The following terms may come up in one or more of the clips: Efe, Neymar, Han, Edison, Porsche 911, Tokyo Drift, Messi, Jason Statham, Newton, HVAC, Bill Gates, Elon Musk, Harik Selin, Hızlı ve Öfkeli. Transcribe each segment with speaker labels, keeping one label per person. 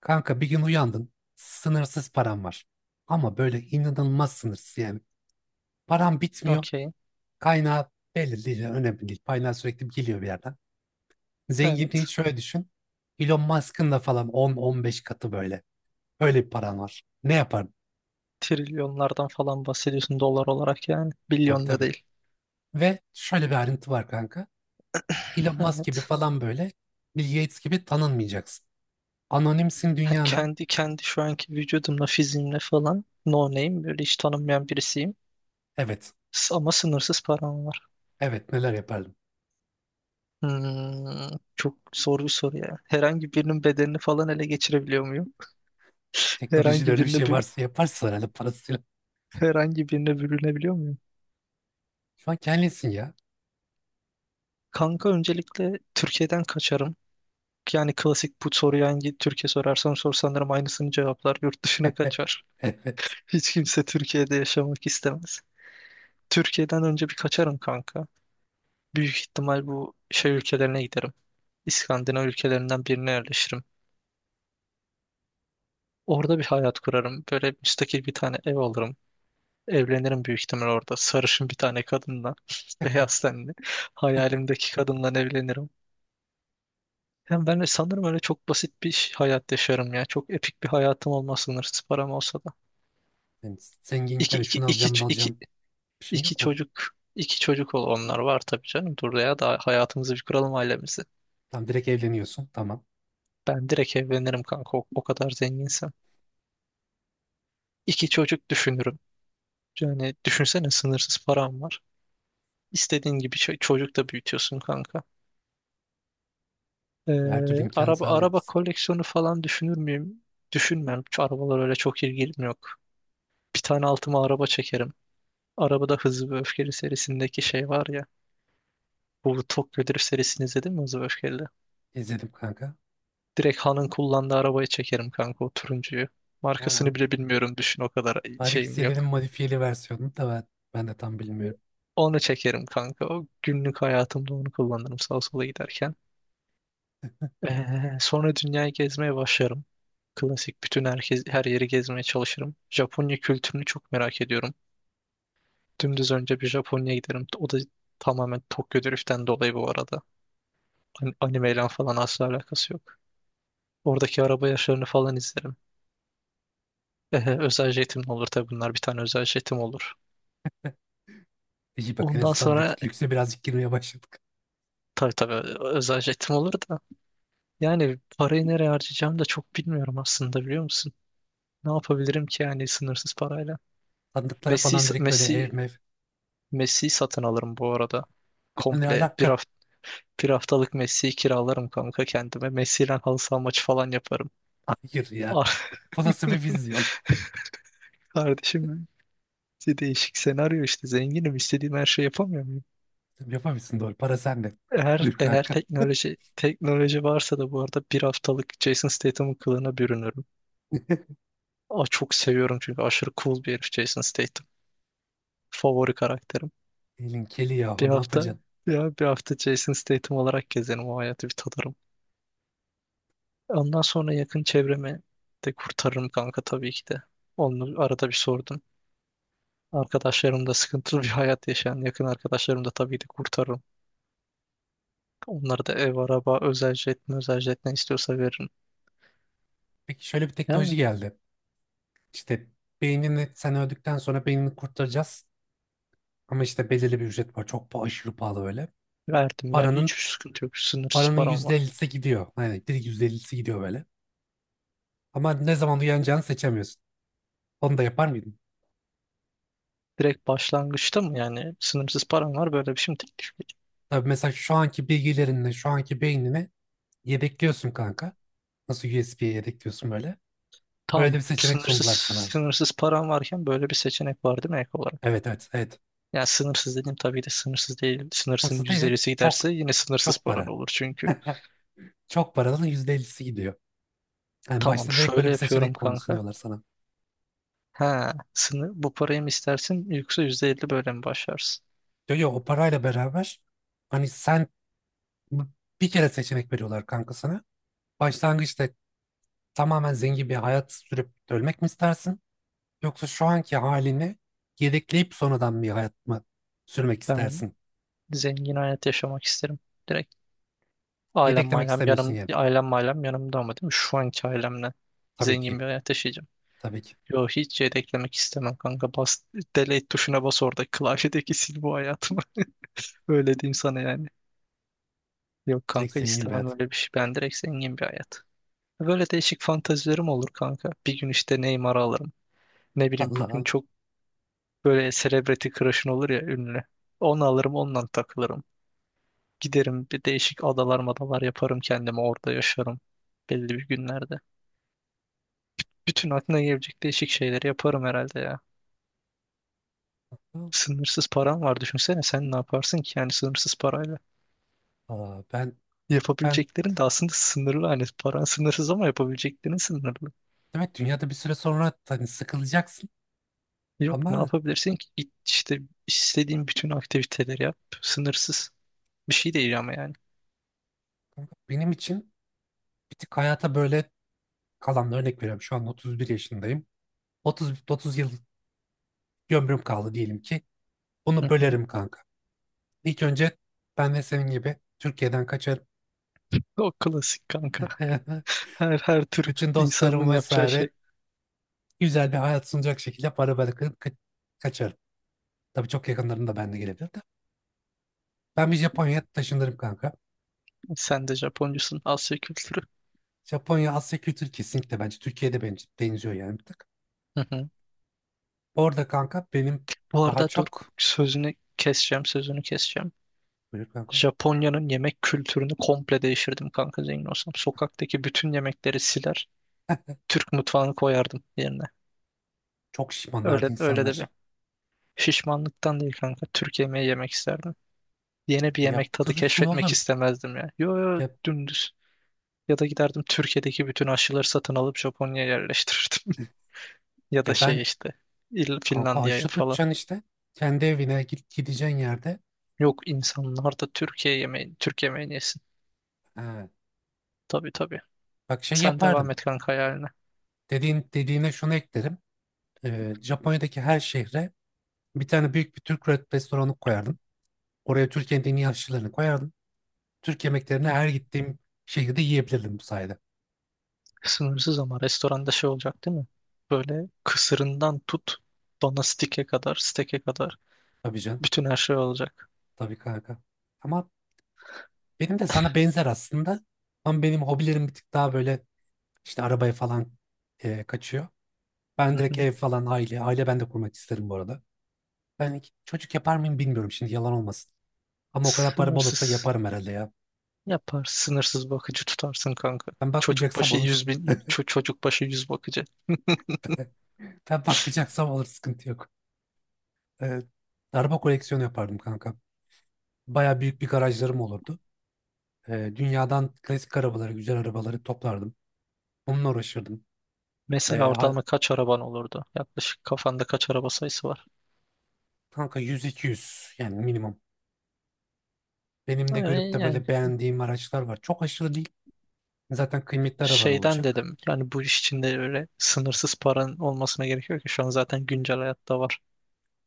Speaker 1: Kanka bir gün uyandın, sınırsız param var. Ama böyle inanılmaz sınırsız yani. Param bitmiyor,
Speaker 2: Okey.
Speaker 1: kaynağı belli değil, yani önemli değil. Kaynağı sürekli geliyor bir yerden. Zenginliği
Speaker 2: Evet.
Speaker 1: şöyle düşün, Elon Musk'ın da falan 10-15 katı böyle. Öyle bir paran var. Ne yapardın?
Speaker 2: Trilyonlardan falan bahsediyorsun dolar olarak yani.
Speaker 1: Tabii
Speaker 2: Bilyon da
Speaker 1: tabii.
Speaker 2: değil.
Speaker 1: Ve şöyle bir ayrıntı var kanka. Elon Musk gibi
Speaker 2: Evet.
Speaker 1: falan böyle, Bill Gates gibi tanınmayacaksın. Anonimsin
Speaker 2: Ha,
Speaker 1: dünyada.
Speaker 2: kendi şu anki vücudumla, fiziğimle falan no name böyle hiç tanınmayan birisiyim.
Speaker 1: Evet,
Speaker 2: Ama sınırsız param var.
Speaker 1: evet neler yapardım.
Speaker 2: Çok zor bir soru ya. Herhangi birinin bedenini falan ele geçirebiliyor muyum?
Speaker 1: Teknolojide
Speaker 2: Herhangi
Speaker 1: öyle bir
Speaker 2: birine
Speaker 1: şey
Speaker 2: bü-
Speaker 1: varsa yaparsın herhalde parasıyla.
Speaker 2: Herhangi birine bürünebiliyor muyum?
Speaker 1: Şu an kendisin ya.
Speaker 2: Kanka öncelikle Türkiye'den kaçarım. Yani klasik bu soruyu hangi Türkiye sorarsan sor sanırım aynısını cevaplar. Yurt dışına kaçar.
Speaker 1: Evet.
Speaker 2: Hiç kimse Türkiye'de yaşamak istemez. Türkiye'den önce bir kaçarım kanka. Büyük ihtimal bu şey ülkelerine giderim. İskandinav ülkelerinden birine yerleşirim. Orada bir hayat kurarım. Böyle müstakil bir tane ev alırım. Evlenirim büyük ihtimal orada. Sarışın bir tane kadınla. Beyaz tenli. Hayalimdeki kadınla evlenirim. Hem ben de sanırım öyle çok basit bir hayat yaşarım ya. Çok epik bir hayatım olmaz sınırsız param olsa da.
Speaker 1: Yani
Speaker 2: İki,
Speaker 1: zenginken
Speaker 2: iki,
Speaker 1: şunu alacağım bunu
Speaker 2: iki, iki,
Speaker 1: alacağım bir şey
Speaker 2: İki
Speaker 1: yok mu?
Speaker 2: çocuk, iki çocuk ol onlar var tabii canım. Dur ya da hayatımızı bir kuralım ailemizi.
Speaker 1: Tam direkt evleniyorsun. Tamam.
Speaker 2: Ben direkt evlenirim kanka o kadar zenginsem. İki çocuk düşünürüm. Yani düşünsene sınırsız param var. İstediğin gibi çocuk da büyütüyorsun kanka. Ee,
Speaker 1: Her türlü imkanı
Speaker 2: araba
Speaker 1: sağlayabilirsin.
Speaker 2: koleksiyonu falan düşünür müyüm? Düşünmem. Şu arabalar öyle çok ilgim yok. Bir tane altıma araba çekerim. Arabada Hızlı ve Öfkeli serisindeki şey var ya. Bu Tokyo Drift serisini izledin mi Hızlı ve Öfkeli?
Speaker 1: İzledim kanka.
Speaker 2: Direkt Han'ın kullandığı arabaya çekerim kanka o turuncuyu.
Speaker 1: Ha,
Speaker 2: Markasını bile bilmiyorum düşün o kadar
Speaker 1: Harik
Speaker 2: şeyim
Speaker 1: Selin'in
Speaker 2: yok.
Speaker 1: modifiyeli versiyonunu da ben de tam bilmiyorum.
Speaker 2: Onu çekerim kanka. O günlük hayatımda onu kullanırım sağa sola giderken. Ee, sonra dünyayı gezmeye başlarım. Klasik bütün herkes, her yeri gezmeye çalışırım. Japonya kültürünü çok merak ediyorum. Dümdüz önce bir Japonya'ya giderim. O da tamamen Tokyo Drift'ten dolayı bu arada. Animeyle falan asla alakası yok. Oradaki araba yarışlarını falan izlerim. Özel jetim olur tabii bunlar. Bir tane özel jetim olur.
Speaker 1: İyi bak en
Speaker 2: Ondan
Speaker 1: azından
Speaker 2: sonra
Speaker 1: lükse birazcık girmeye başladık.
Speaker 2: tabii özel jetim olur da. Yani parayı nereye harcayacağımı da çok bilmiyorum aslında biliyor musun? Ne yapabilirim ki yani sınırsız parayla?
Speaker 1: Sandıklara
Speaker 2: Messi
Speaker 1: falan direkt böyle ev
Speaker 2: Messi
Speaker 1: mev.
Speaker 2: Messi satın alırım bu arada.
Speaker 1: Yani ne
Speaker 2: Komple bir
Speaker 1: alaka?
Speaker 2: hafta Bir haftalık Messi'yi kiralarım kanka kendime. Messi'yle halı saha maçı falan yaparım.
Speaker 1: Hayır ya.
Speaker 2: Ah,
Speaker 1: Bu nasıl bir vizyon?
Speaker 2: Kardeşim benim. İşte değişik senaryo işte zenginim istediğim her şeyi yapamıyor muyum?
Speaker 1: Yapamıyorsun doğru. Para sende.
Speaker 2: Eğer
Speaker 1: Buyur
Speaker 2: eğer
Speaker 1: kanka.
Speaker 2: teknoloji varsa da bu arada bir haftalık Jason Statham'ın kılığına bürünürüm. Çok seviyorum çünkü aşırı cool bir herif Jason Statham. Favori karakterim.
Speaker 1: Elin keli
Speaker 2: Bir
Speaker 1: yahu ne
Speaker 2: hafta
Speaker 1: yapacaksın?
Speaker 2: bir hafta Jason Statham olarak gezerim o hayatı bir tadarım. Ondan sonra yakın çevremi de kurtarırım kanka tabii ki de. Onu arada bir sordum. Arkadaşlarım da sıkıntılı bir hayat yaşayan yakın arkadaşlarım da tabii de kurtarırım. Onlara da ev, araba, özel jet ne istiyorsa veririm.
Speaker 1: Peki şöyle bir
Speaker 2: Yani
Speaker 1: teknoloji geldi. İşte beynini sen öldükten sonra beynini kurtaracağız. Ama işte belirli bir ücret var. Çok aşırı pahalı böyle.
Speaker 2: verdim ya hiç
Speaker 1: Paranın
Speaker 2: sıkıntı yok. Sınırsız
Speaker 1: paranın
Speaker 2: param var.
Speaker 1: %50'si gidiyor. Aynen direkt %50'si gidiyor böyle. Ama ne zaman uyanacağını seçemiyorsun. Onu da yapar mıydın?
Speaker 2: Direkt başlangıçta mı yani sınırsız param var böyle bir şey mi teklif.
Speaker 1: Tabii mesela şu anki bilgilerinle, şu anki beynini yedekliyorsun kanka. Nasıl USB'ye yedekliyorsun böyle. Öyle
Speaker 2: Tam
Speaker 1: bir seçenek
Speaker 2: sınırsız
Speaker 1: sundular sana.
Speaker 2: Sınırsız param varken böyle bir seçenek var değil mi ek olarak?
Speaker 1: Evet evet evet.
Speaker 2: Yani sınırsız dedim tabii de sınırsız değil. Sınırsın
Speaker 1: Nasıl değil? Evet.
Speaker 2: %50'si
Speaker 1: Çok
Speaker 2: giderse yine sınırsız
Speaker 1: çok
Speaker 2: paran
Speaker 1: para.
Speaker 2: olur çünkü.
Speaker 1: Çok paranın %50'si gidiyor. Yani
Speaker 2: Tamam
Speaker 1: başta direkt böyle
Speaker 2: şöyle
Speaker 1: bir
Speaker 2: yapıyorum
Speaker 1: seçenek konu
Speaker 2: kanka.
Speaker 1: sunuyorlar sana.
Speaker 2: Ha, sınır, bu parayı mı istersin yoksa %50 böyle mi başlarsın?
Speaker 1: Diyor ya o parayla beraber hani sen bir kere seçenek veriyorlar kanka sana. Başlangıçta tamamen zengin bir hayat sürüp ölmek mi istersin? Yoksa şu anki halini yedekleyip sonradan bir hayat mı sürmek
Speaker 2: Ben
Speaker 1: istersin?
Speaker 2: zengin hayat yaşamak isterim. Direkt
Speaker 1: Yedeklemek istemiyorsun yani.
Speaker 2: ailem mailem yanımda ama değil mi? Şu anki ailemle
Speaker 1: Tabii
Speaker 2: zengin
Speaker 1: ki.
Speaker 2: bir hayat yaşayacağım.
Speaker 1: Tabii ki.
Speaker 2: Yo hiç yedeklemek istemem kanka. Delete tuşuna bas orada klavyedeki sil bu hayatımı. Öyle diyeyim sana yani. Yok
Speaker 1: Direkt
Speaker 2: kanka
Speaker 1: zengin bir
Speaker 2: istemem
Speaker 1: hayat.
Speaker 2: öyle bir şey. Ben direkt zengin bir hayat. Böyle değişik fantazilerim olur kanka. Bir gün işte Neymar'ı alırım. Ne bileyim bugün
Speaker 1: Allah
Speaker 2: çok böyle celebrity crush'ın olur ya ünlü. Onu alırım ondan takılırım. Giderim bir değişik adalar madalar yaparım kendime orada yaşarım. Belli bir günlerde. Bütün aklına gelebilecek değişik şeyleri yaparım herhalde ya.
Speaker 1: Allah.
Speaker 2: Sınırsız param var düşünsene sen ne yaparsın ki yani sınırsız parayla.
Speaker 1: Aa, ben ben
Speaker 2: Yapabileceklerin de aslında sınırlı hani paran sınırsız ama yapabileceklerin sınırlı.
Speaker 1: demek dünyada bir süre sonra hani sıkılacaksın
Speaker 2: Yok ne
Speaker 1: ama
Speaker 2: yapabilirsin ki? İşte istediğin bütün aktiviteleri yap. Sınırsız. Bir şey değil ama yani.
Speaker 1: kanka benim için bir tık hayata böyle kalan örnek veriyorum. Şu an 31 yaşındayım. 30 yıl ömrüm kaldı diyelim ki. Bunu
Speaker 2: Hı hı.
Speaker 1: bölerim kanka. İlk önce ben de senin gibi Türkiye'den kaçarım.
Speaker 2: O klasik kanka. Her Türk
Speaker 1: Bütün dostlarım
Speaker 2: insanının yapacağı
Speaker 1: vesaire
Speaker 2: şey.
Speaker 1: güzel bir hayat sunacak şekilde para bırakıp kaçarım. Tabii çok yakınlarında ben de gelebilir de. Ben bir Japonya'ya taşınırım kanka.
Speaker 2: Sen de Japoncusun. Asya kültürü.
Speaker 1: Japonya Asya kültürü kesinlikle bence Türkiye'de bence benziyor yani bir tık.
Speaker 2: Hı hı.
Speaker 1: Orada kanka benim
Speaker 2: Bu
Speaker 1: daha
Speaker 2: arada dur
Speaker 1: çok
Speaker 2: sözünü keseceğim.
Speaker 1: buyur kanka
Speaker 2: Japonya'nın yemek kültürünü komple değiştirdim kanka zengin olsam. Sokaktaki bütün yemekleri siler. Türk mutfağını koyardım yerine.
Speaker 1: çok şişmanlardı
Speaker 2: Öyle öyle de bir.
Speaker 1: insanlar.
Speaker 2: Şişmanlıktan değil kanka. Türk yemeği yemek isterdim. Yeni bir yemek tadı
Speaker 1: Yaptırırsın
Speaker 2: keşfetmek
Speaker 1: oğlum.
Speaker 2: istemezdim ya. Yo yo
Speaker 1: Ya,
Speaker 2: dümdüz. Ya da giderdim Türkiye'deki bütün aşıları satın alıp Japonya'ya yerleştirirdim. Ya da
Speaker 1: ya ben
Speaker 2: şey işte İl-
Speaker 1: kanka
Speaker 2: Finlandiya'ya
Speaker 1: haşlı
Speaker 2: falan.
Speaker 1: tutacaksın işte. Kendi evine git gideceğin yerde.
Speaker 2: Yok insanlar da Türk yemeğini yesin.
Speaker 1: Ha,
Speaker 2: Tabii tabii.
Speaker 1: bak şey
Speaker 2: Sen devam
Speaker 1: yapardım.
Speaker 2: et kanka hayaline.
Speaker 1: Dediğine şunu eklerim. Japonya'daki her şehre bir tane büyük bir Türk restoranı koyardım. Oraya Türkiye'nin en iyi aşçılarını koyardım. Türk yemeklerini
Speaker 2: Hı.
Speaker 1: her gittiğim şehirde yiyebilirdim bu sayede.
Speaker 2: Sınırsız ama restoranda şey olacak değil mi? Böyle kısırından tut bana steke kadar
Speaker 1: Tabii can.
Speaker 2: bütün her şey olacak.
Speaker 1: Tabii kanka. Ama benim de sana benzer aslında. Ama benim hobilerim bir tık daha böyle işte arabaya falan kaçıyor.
Speaker 2: Hı
Speaker 1: Ben direkt
Speaker 2: hı.
Speaker 1: ev falan aile. Aile ben de kurmak isterim bu arada. Ben hiç çocuk yapar mıyım bilmiyorum şimdi yalan olmasın. Ama o kadar param olursa
Speaker 2: Sınırsız.
Speaker 1: yaparım herhalde ya.
Speaker 2: Yapar. Sınırsız bakıcı tutarsın kanka.
Speaker 1: Ben bakmayacaksam olur.
Speaker 2: Çocuk başı 100 bakıcı.
Speaker 1: Ben bakmayacaksam alır, sıkıntı yok. Ee, araba koleksiyonu yapardım kanka. Baya büyük bir garajlarım olurdu. Dünyadan klasik arabaları, güzel arabaları toplardım. Onunla uğraşırdım. Ee,
Speaker 2: Mesela
Speaker 1: ha-
Speaker 2: ortalama kaç araban olurdu? Yaklaşık kafanda kaç araba sayısı var?
Speaker 1: kanka 100-200 yani minimum. Benim de görüp
Speaker 2: Yani,
Speaker 1: de
Speaker 2: yani
Speaker 1: böyle beğendiğim araçlar var. Çok aşırı değil. Zaten kıymetli araba da
Speaker 2: şeyden
Speaker 1: olacak.
Speaker 2: dedim. Yani bu iş içinde öyle sınırsız paran olmasına gerek yok ki. Şu an zaten güncel hayatta var.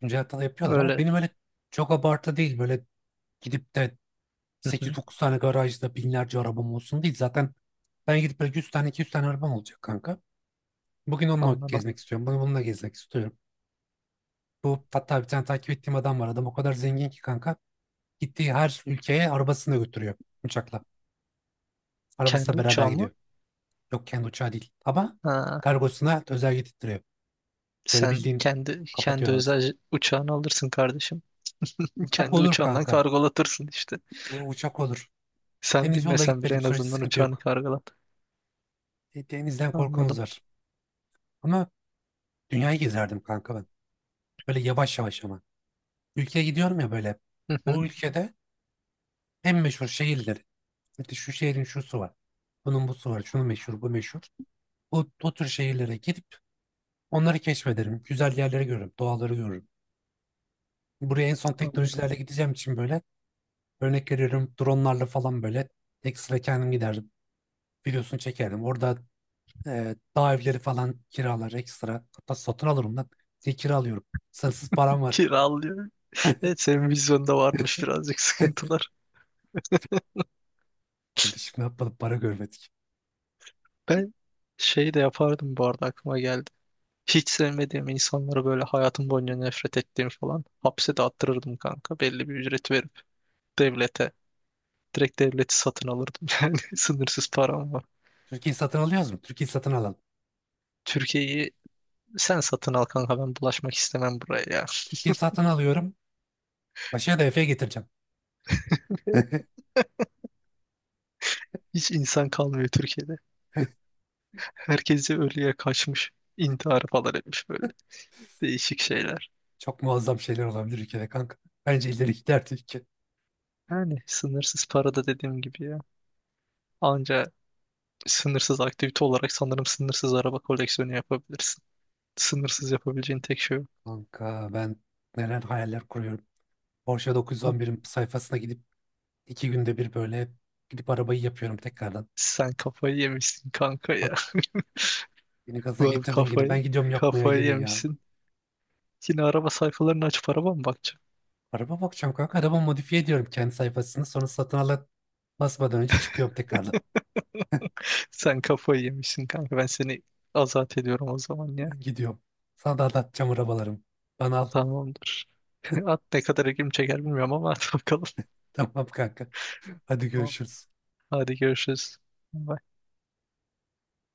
Speaker 1: Güncel hata yapıyorlar ama
Speaker 2: Öyle.
Speaker 1: benim öyle çok abartı değil. Böyle gidip de
Speaker 2: Hı hı,
Speaker 1: 8-9 tane garajda binlerce arabam olsun değil. Zaten ben gidip böyle 100 tane 200 tane arabam olacak kanka. Bugün onunla
Speaker 2: anladım.
Speaker 1: gezmek istiyorum. Bunu bununla gezmek istiyorum. Bu hatta bir tane takip ettiğim adam var. Adam o kadar zengin ki kanka. Gittiği her ülkeye arabasını da götürüyor uçakla. Arabasıyla
Speaker 2: Kendi
Speaker 1: beraber gidiyor.
Speaker 2: uçağımı?
Speaker 1: Yok kendi uçağı değil. Ama
Speaker 2: Ha,
Speaker 1: kargosuna özel getirtiyor. Böyle
Speaker 2: sen
Speaker 1: bildiğin
Speaker 2: kendi
Speaker 1: kapatıyor
Speaker 2: kendi
Speaker 1: arabasını.
Speaker 2: özel uçağını alırsın kardeşim.
Speaker 1: Uçak
Speaker 2: Kendi
Speaker 1: olur
Speaker 2: uçağından
Speaker 1: kanka.
Speaker 2: kargolatırsın işte.
Speaker 1: Uçak olur.
Speaker 2: Sen
Speaker 1: Deniz yolla
Speaker 2: bilmesen bile
Speaker 1: gitmediğim
Speaker 2: en
Speaker 1: sürece
Speaker 2: azından
Speaker 1: sıkıntı
Speaker 2: uçağını
Speaker 1: yok.
Speaker 2: kargolat.
Speaker 1: Denizden korkumuz
Speaker 2: Anladım.
Speaker 1: var. Ama dünyayı gezerdim kanka ben. Böyle yavaş yavaş ama. Ülkeye gidiyorum ya böyle. O ülkede en meşhur şehirleri, İşte şu şehrin şusu var. Bunun busu var. Şunu meşhur, bu meşhur. O tür şehirlere gidip onları keşfederim. Güzel yerleri görürüm, doğaları görürüm. Buraya en son
Speaker 2: Anladım.
Speaker 1: teknolojilerle gideceğim için böyle örnek veriyorum dronlarla falan böyle ekstra kendim giderdim. Videosunu çekerdim. Orada dağ evleri falan kiralar ekstra. Hatta satın alırım lan. Diye kira alıyorum. Sınırsız param var.
Speaker 2: Kiralıyor. Evet senin vizyonda varmış birazcık sıkıntılar.
Speaker 1: Hadi şimdi yapmadık para görmedik.
Speaker 2: Ben şey de yapardım bu arada aklıma geldi. Hiç sevmediğim insanlara böyle hayatım boyunca nefret ettiğim falan hapse de attırırdım kanka. Belli bir ücret verip devlete. Direkt devleti satın alırdım yani sınırsız param var.
Speaker 1: Türkiye'yi satın alıyoruz mu? Türkiye'yi satın alalım.
Speaker 2: Türkiye'yi sen satın al kanka ben bulaşmak istemem buraya ya.
Speaker 1: Türkiye'yi satın alıyorum. Başa da Efe'ye getireceğim.
Speaker 2: Hiç insan kalmıyor Türkiye'de. Herkesi ölüye kaçmış. İntihar falan etmiş böyle. Değişik şeyler.
Speaker 1: Çok muazzam şeyler olabilir ülkede kanka. Bence ileri gider Türkiye.
Speaker 2: Yani sınırsız para da dediğim gibi ya. Anca sınırsız aktivite olarak sanırım sınırsız araba koleksiyonu yapabilirsin. Sınırsız yapabileceğin tek şey o.
Speaker 1: Kanka ben neler hayaller kuruyorum. Porsche
Speaker 2: Ha,
Speaker 1: 911'in sayfasına gidip 2 günde bir böyle gidip arabayı yapıyorum tekrardan.
Speaker 2: sen kafayı yemişsin kanka
Speaker 1: At,
Speaker 2: ya.
Speaker 1: beni gaza
Speaker 2: Vallahi
Speaker 1: getirdin yine. Ben gidiyorum yapmaya
Speaker 2: kafayı
Speaker 1: yine ya.
Speaker 2: yemişsin. Yine araba sayfalarını açıp araba mı bakacağım?
Speaker 1: Araba bakacağım kanka. Araba modifiye ediyorum kendi sayfasını. Sonra satın alan basmadan önce çıkıyorum tekrardan.
Speaker 2: Sen kafayı yemişsin kanka. Ben seni azat ediyorum o zaman ya.
Speaker 1: Ben gidiyorum. Sana da anlatacağım arabalarımı. Bana al.
Speaker 2: Tamamdır. At ne kadar ilgimi çeker bilmiyorum ama at bakalım.
Speaker 1: Tamam kanka. Hadi
Speaker 2: Tamam.
Speaker 1: görüşürüz.
Speaker 2: Hadi görüşürüz.